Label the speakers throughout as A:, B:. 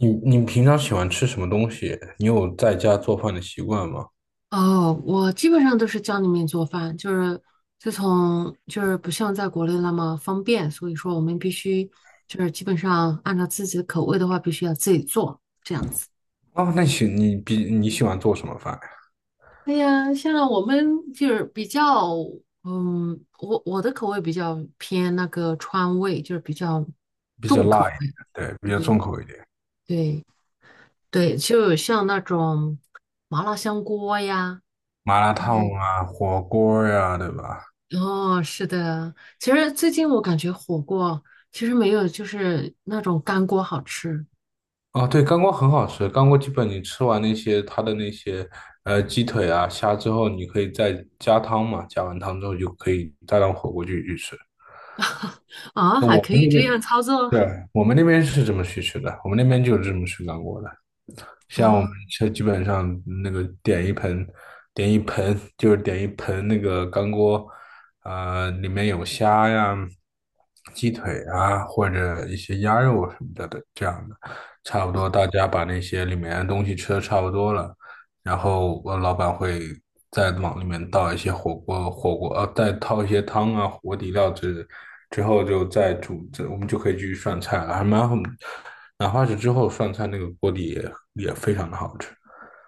A: 你你平常喜欢吃什么东西？你有在家做饭的习惯吗？
B: 哦，我基本上都是家里面做饭，就是自从就是不像在国内那么方便，所以说我们必须就是基本上按照自己的口味的话，必须要自己做这样子。
A: 哦，那你喜欢做什么饭呀？
B: 哎呀，像我们就是比较，我的口味比较偏那个川味，就是比较
A: 比较
B: 重
A: 辣
B: 口。
A: 一点，对，比较重
B: 对
A: 口一点。
B: 对对，就像那种麻辣香锅呀。
A: 麻辣烫啊，火锅呀，对吧？
B: 哦，是的，其实最近我感觉火锅其实没有就是那种干锅好吃
A: 哦，对，干锅很好吃。干锅基本你吃完那些它的那些鸡腿啊、虾之后，你可以再加汤嘛，加完汤之后就可以再当火锅去吃。
B: 啊，
A: 那
B: 还
A: 我
B: 可
A: 们
B: 以
A: 那
B: 这
A: 边，
B: 样操作
A: 对，我们那边是这么去吃的，我们那边就是这么吃干锅的。像我们
B: 啊！
A: 这基本上那个点一盆，点一盆就是点一盆那个干锅。里面有虾呀、鸡腿啊，或者一些鸭肉什么的这样的。差不多大家把那些里面的东西吃的差不多了，然后我老板会再往里面倒一些火锅，再倒一些汤啊、火锅底料之后就再煮，这我们就可以继续涮菜了，还蛮好，哪怕是之后涮菜那个锅底也非常的好吃。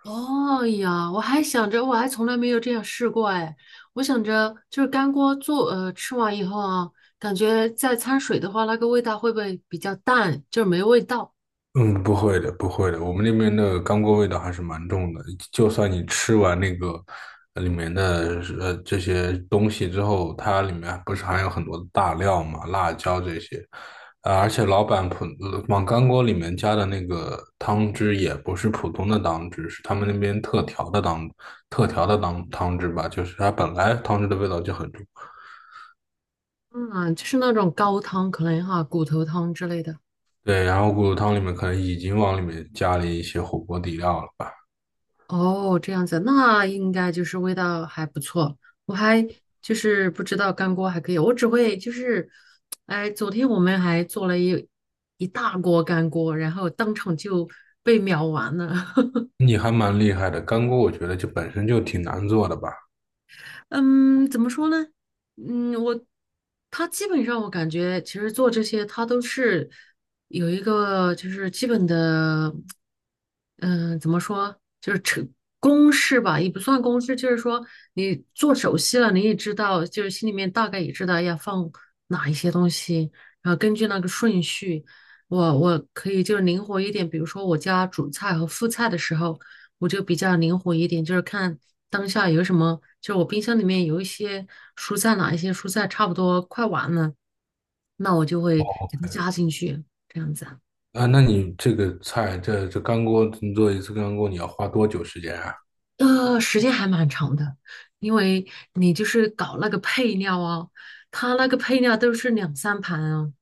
B: 哦哎呀，我还想着我还从来没有这样试过哎，我想着就是干锅做吃完以后啊，感觉再掺水的话，那个味道会不会比较淡，就是没味道？
A: 嗯，不会的，不会的，我们那边的干锅味道还是蛮重的。就算你吃完那个里面的这些东西之后，它里面不是含有很多的大料嘛，辣椒这些。啊，而且老板往干锅里面加的那个汤汁也不是普通的汤汁，是他们那边特调的汤汁吧，就是它本来汤汁的味道就很重。
B: 嗯，就是那种高汤可能哈，骨头汤之类的。
A: 对，然后骨头汤里面可能已经往里面加了一些火锅底料了吧？
B: 哦，这样子，那应该就是味道还不错。我还就是不知道干锅还可以，我只会就是，哎，昨天我们还做了一大锅干锅，然后当场就被秒完了。
A: 你还蛮厉害的，干锅我觉得就本身就挺难做的吧？
B: 嗯，怎么说呢？嗯，我他基本上我感觉，其实做这些他都是有一个就是基本的，嗯、怎么说，就是成公式吧，也不算公式，就是说你做熟悉了，你也知道，就是心里面大概也知道要放哪一些东西，然后根据那个顺序，我可以就是灵活一点，比如说我家主菜和副菜的时候。我就比较灵活一点，就是看当下有什么，就是我冰箱里面有一些蔬菜，哪一些蔬菜差不多快完了，那我就会给它加进去，这样子啊。
A: 啊，那你这个菜，这干锅，你做一次干锅你要花多久时间啊？
B: 时间还蛮长的，因为你就是搞那个配料啊，它那个配料都是两三盘啊，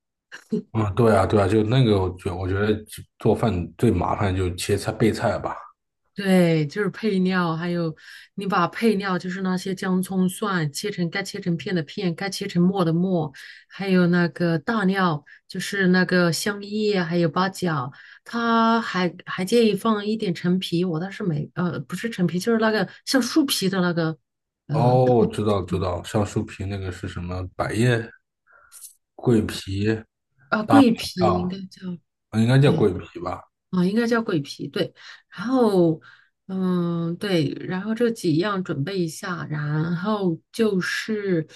A: 啊，对啊，对啊，就那个我觉得做饭最麻烦就切菜备菜吧。
B: 对，就是配料，还有你把配料，就是那些姜、葱、蒜切成该切成片的片，该切成末的末，还有那个大料，就是那个香叶，还有八角。他还建议放一点陈皮，我倒是没，不是陈皮，就是那个像树皮的那个，呃，
A: 哦，
B: 大
A: 我知道知
B: 嗯
A: 道，像树皮那个是什么？百叶、桂皮？
B: 桂皮应
A: 啊，
B: 该叫，
A: 应该叫
B: 对，
A: 桂皮吧？
B: 啊，应该叫鬼皮，对。然后，嗯，对，然后这几样准备一下，然后就是，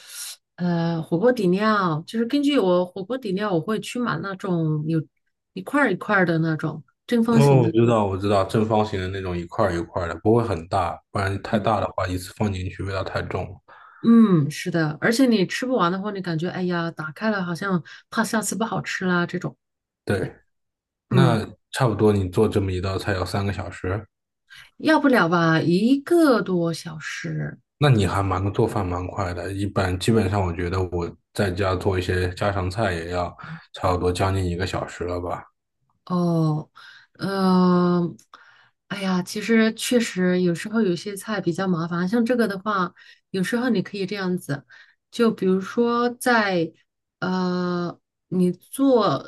B: 火锅底料，就是根据我火锅底料，我会去买那种有一块儿一块儿的那种正方形
A: 哦，我
B: 的。
A: 知道，我知道，正方形的那种一块儿一块儿的，不会很大，不然太
B: 嗯
A: 大的话，一次放进去味道太重了。
B: 嗯，是的，而且你吃不完的话，你感觉哎呀，打开了好像怕下次不好吃啦这种。
A: 对，
B: 嗯，
A: 那差不多你做这么一道菜要3个小时？
B: 要不了吧，一个多小时。
A: 那你还蛮做饭蛮快的。一般基本上，我觉得我在家做一些家常菜也要差不多将近1个小时了吧。
B: 哦，嗯、哎呀，其实确实有时候有些菜比较麻烦，像这个的话，有时候你可以这样子，就比如说呃，你做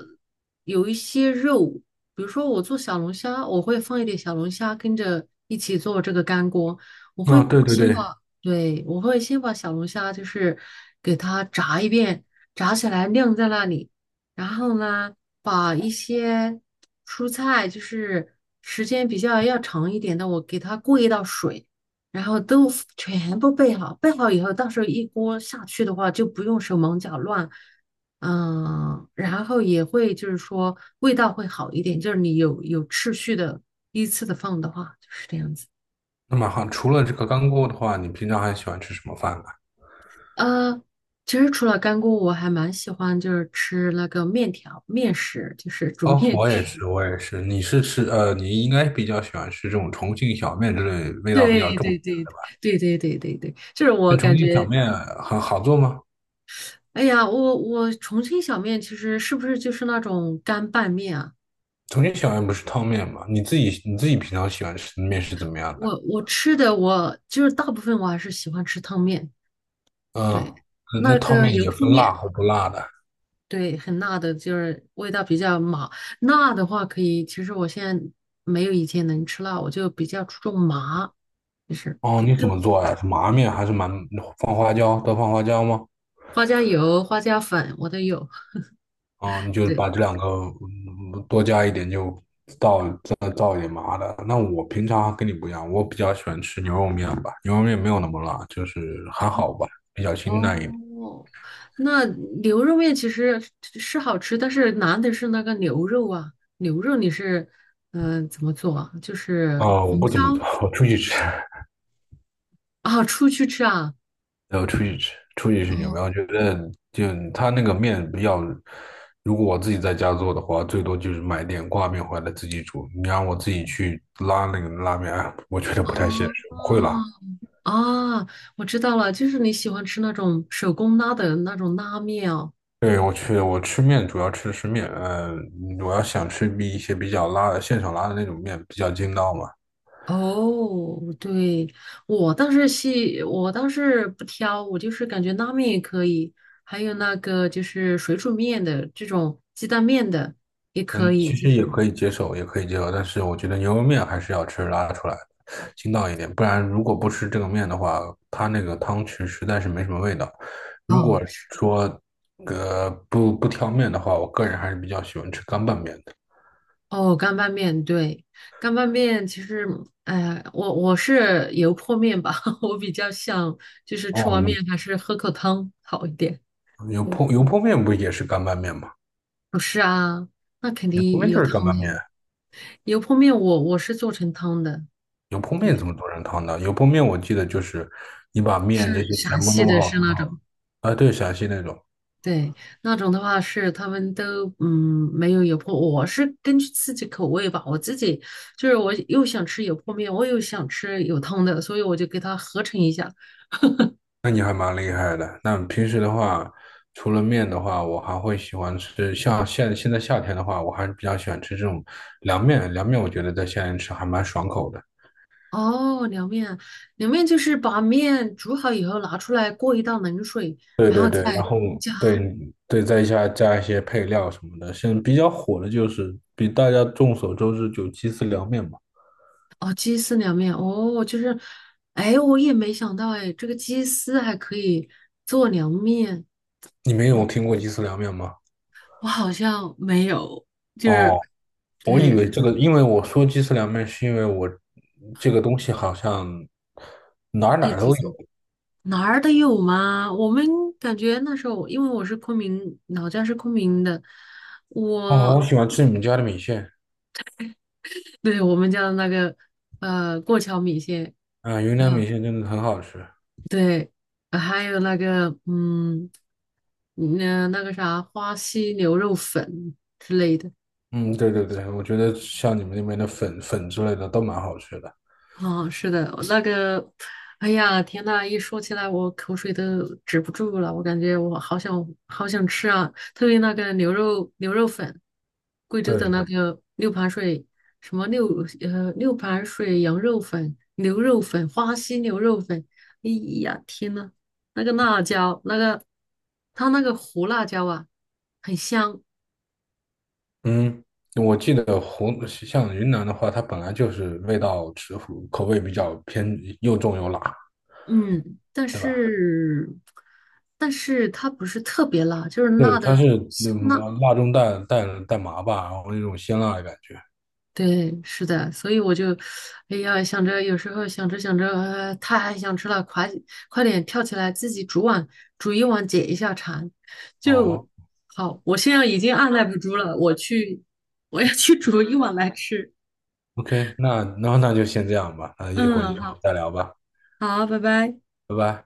B: 有一些肉，比如说我做小龙虾，我会放一点小龙虾跟着一起做这个干锅，我会
A: 啊、对对
B: 先
A: 对，
B: 把，对，我会先把小龙虾就是给它炸一遍，炸起来晾在那里。然后呢，把一些蔬菜，就是时间比较要长一点的，我给它过一道水，然后都 全部备好。备好以后，到时候一锅下去的话，就不用手忙脚乱。嗯，然后也会就是说味道会好一点，就是你有秩序的依次的放的话，就是这样子。
A: 那么好，除了这个干锅的话，你平常还喜欢吃什么饭呢？
B: 呃，其实除了干锅，我还蛮喜欢就是吃那个面条、面食，就是煮
A: 哦，
B: 面
A: 我也
B: 食。
A: 是，我也是。你是吃呃，你应该比较喜欢吃这种重庆小面之类味道比
B: 对
A: 较重。
B: 对对对对对对对，就是我
A: 那重
B: 感
A: 庆小
B: 觉，
A: 面很好做吗？
B: 哎呀，我重庆小面其实是不是就是那种干拌面啊？
A: 重庆小面不是汤面吗？你自己平常喜欢吃的面是怎么样的？
B: 我吃的就是大部分我还是喜欢吃汤面，
A: 嗯，呃
B: 对，
A: 那
B: 那
A: 汤
B: 个
A: 面
B: 油
A: 也
B: 泼
A: 分辣
B: 面，
A: 和不辣的。
B: 对，很辣的，就是味道比较麻。辣的话可以，其实我现在没有以前能吃辣，我就比较注重麻，就是
A: 哦，你怎么做呀？是麻面还是蛮放花椒？多放花椒吗？
B: 花椒油、花椒粉我都有，
A: 啊、你就
B: 对。
A: 把这两个多加一点就倒，再倒一点麻的。那我平常跟你不一样，我比较喜欢吃牛肉面吧，牛肉面没有那么辣，就是还好吧，比较清淡一点。
B: 哦，那牛肉面其实是好吃，但是难的是那个牛肉啊。牛肉你是怎么做啊？就是
A: 啊、我
B: 红
A: 不
B: 烧
A: 怎么做，我出去吃。
B: 啊，出去吃啊？
A: 然后出去吃，出去吃牛
B: 哦
A: 排，我觉得就他那个面比较，如果我自己在家做的话，最多就是买点挂面回来自己煮。你让我自己去拉那个拉面，哎我觉得不太现实，
B: 哦
A: 不会拉。
B: 啊，我知道了，就是你喜欢吃那种手工拉的那种拉面哦。
A: 对，我去，我吃面主要吃的是面。呃，我要想吃一些比较拉的现场拉的那种面比较筋道嘛。
B: 哦，对，我倒是细，我倒是不挑，我就是感觉拉面也可以，还有那个就是水煮面的这种鸡蛋面的也可
A: 嗯，
B: 以，
A: 其
B: 就
A: 实也
B: 是
A: 可以接受，也可以接受，但是我觉得牛肉面还是要吃拉出来的，筋道一点，不然如果不吃这个面的话，它那个汤汁实在是没什么味道。如
B: 哦
A: 果
B: 是
A: 说不挑面的话，我个人还是比较喜欢吃干拌面的。
B: 哦干拌面，对，干拌面其实，哎、我我是油泼面吧，我比较想就是吃完
A: 哦，
B: 面还是喝口汤好一点。
A: 油油
B: 嗯，
A: 泼油泼面不也是干拌面吗？
B: 不是啊，那肯
A: 油泼
B: 定
A: 面就
B: 有
A: 是干
B: 汤的
A: 拌
B: 呀
A: 面，
B: 油泼面我是做成汤的，
A: 油泼面怎
B: 对。
A: 么做成汤的？油泼面我记得就是你把面这
B: 是
A: 些全
B: 陕
A: 部
B: 西
A: 弄
B: 的，
A: 好，
B: 是那种，
A: 啊，对，陕西那种。
B: 对，那种的话是他们都嗯没有油泼，我是根据自己口味吧，我自己就是我又想吃油泼面，我又想吃有汤的，所以我就给它合成一下。
A: 那你还蛮厉害的。那平时的话，除了面的话，我还会喜欢吃，像现在夏天的话，我还是比较喜欢吃这种凉面。凉面我觉得在夏天吃还蛮爽口的。
B: 哦，凉面，凉面就是把面煮好以后拿出来过一道冷水，
A: 对
B: 然
A: 对
B: 后再
A: 对，然后
B: 加
A: 对对，再加一些配料什么的。现在比较火的就是比大家众所周知，就鸡丝凉面嘛。
B: 哦鸡丝凉面，哦就是，哎我也没想到哎，这个鸡丝还可以做凉面，
A: 你没
B: 我
A: 有听过鸡丝凉面吗？
B: 我好像没有，就是。
A: 哦，我以
B: 对，
A: 为这个，因为我说鸡丝凉面，是因为我这个东西好像哪儿哪
B: 一
A: 儿
B: 直
A: 都
B: 在
A: 有。
B: 哪儿的有吗？我们感觉那时候，因为我是昆明，老家是昆明的，
A: 哦，我
B: 我
A: 喜欢吃你们家的米线。
B: 对我们家的那个过桥米线，
A: 啊，云南米
B: 嗯、
A: 线真的很好吃。
B: 对，还有那个嗯，那那个啥花溪牛肉粉之类的。
A: 嗯，对对对，我觉得像你们那边的粉之类的都蛮好吃的。
B: 哦，是的，那个，哎呀，天呐，一说起来我口水都止不住了，我感觉我好想好想吃啊，特别那个牛肉牛肉粉，贵州的那
A: 对，
B: 个六盘水什么六盘水羊肉粉、牛肉粉、花溪牛肉粉，哎呀，天呐，那个辣椒，那个它那个胡辣椒啊，很香，
A: 嗯，我记得像云南的话，它本来就是味道口味比较偏又重又辣，
B: 嗯，但
A: 对吧？
B: 是但是它不是特别辣，就是
A: 对，
B: 辣的
A: 它是
B: 香辣。
A: 么，辣中带麻吧，然后那种鲜辣的感觉。
B: 对，是的，所以我就，哎呀，想着有时候想着想着，太想吃了，快点跳起来自己煮碗煮一碗解一下馋，就
A: 哦
B: 好。我现在已经按耐不住了，我去，我要去 煮一碗来吃。
A: ，OK，那就先这样吧，那一会儿
B: 嗯，
A: 一会儿
B: 好，
A: 再聊吧，
B: 好，拜拜。
A: 拜拜。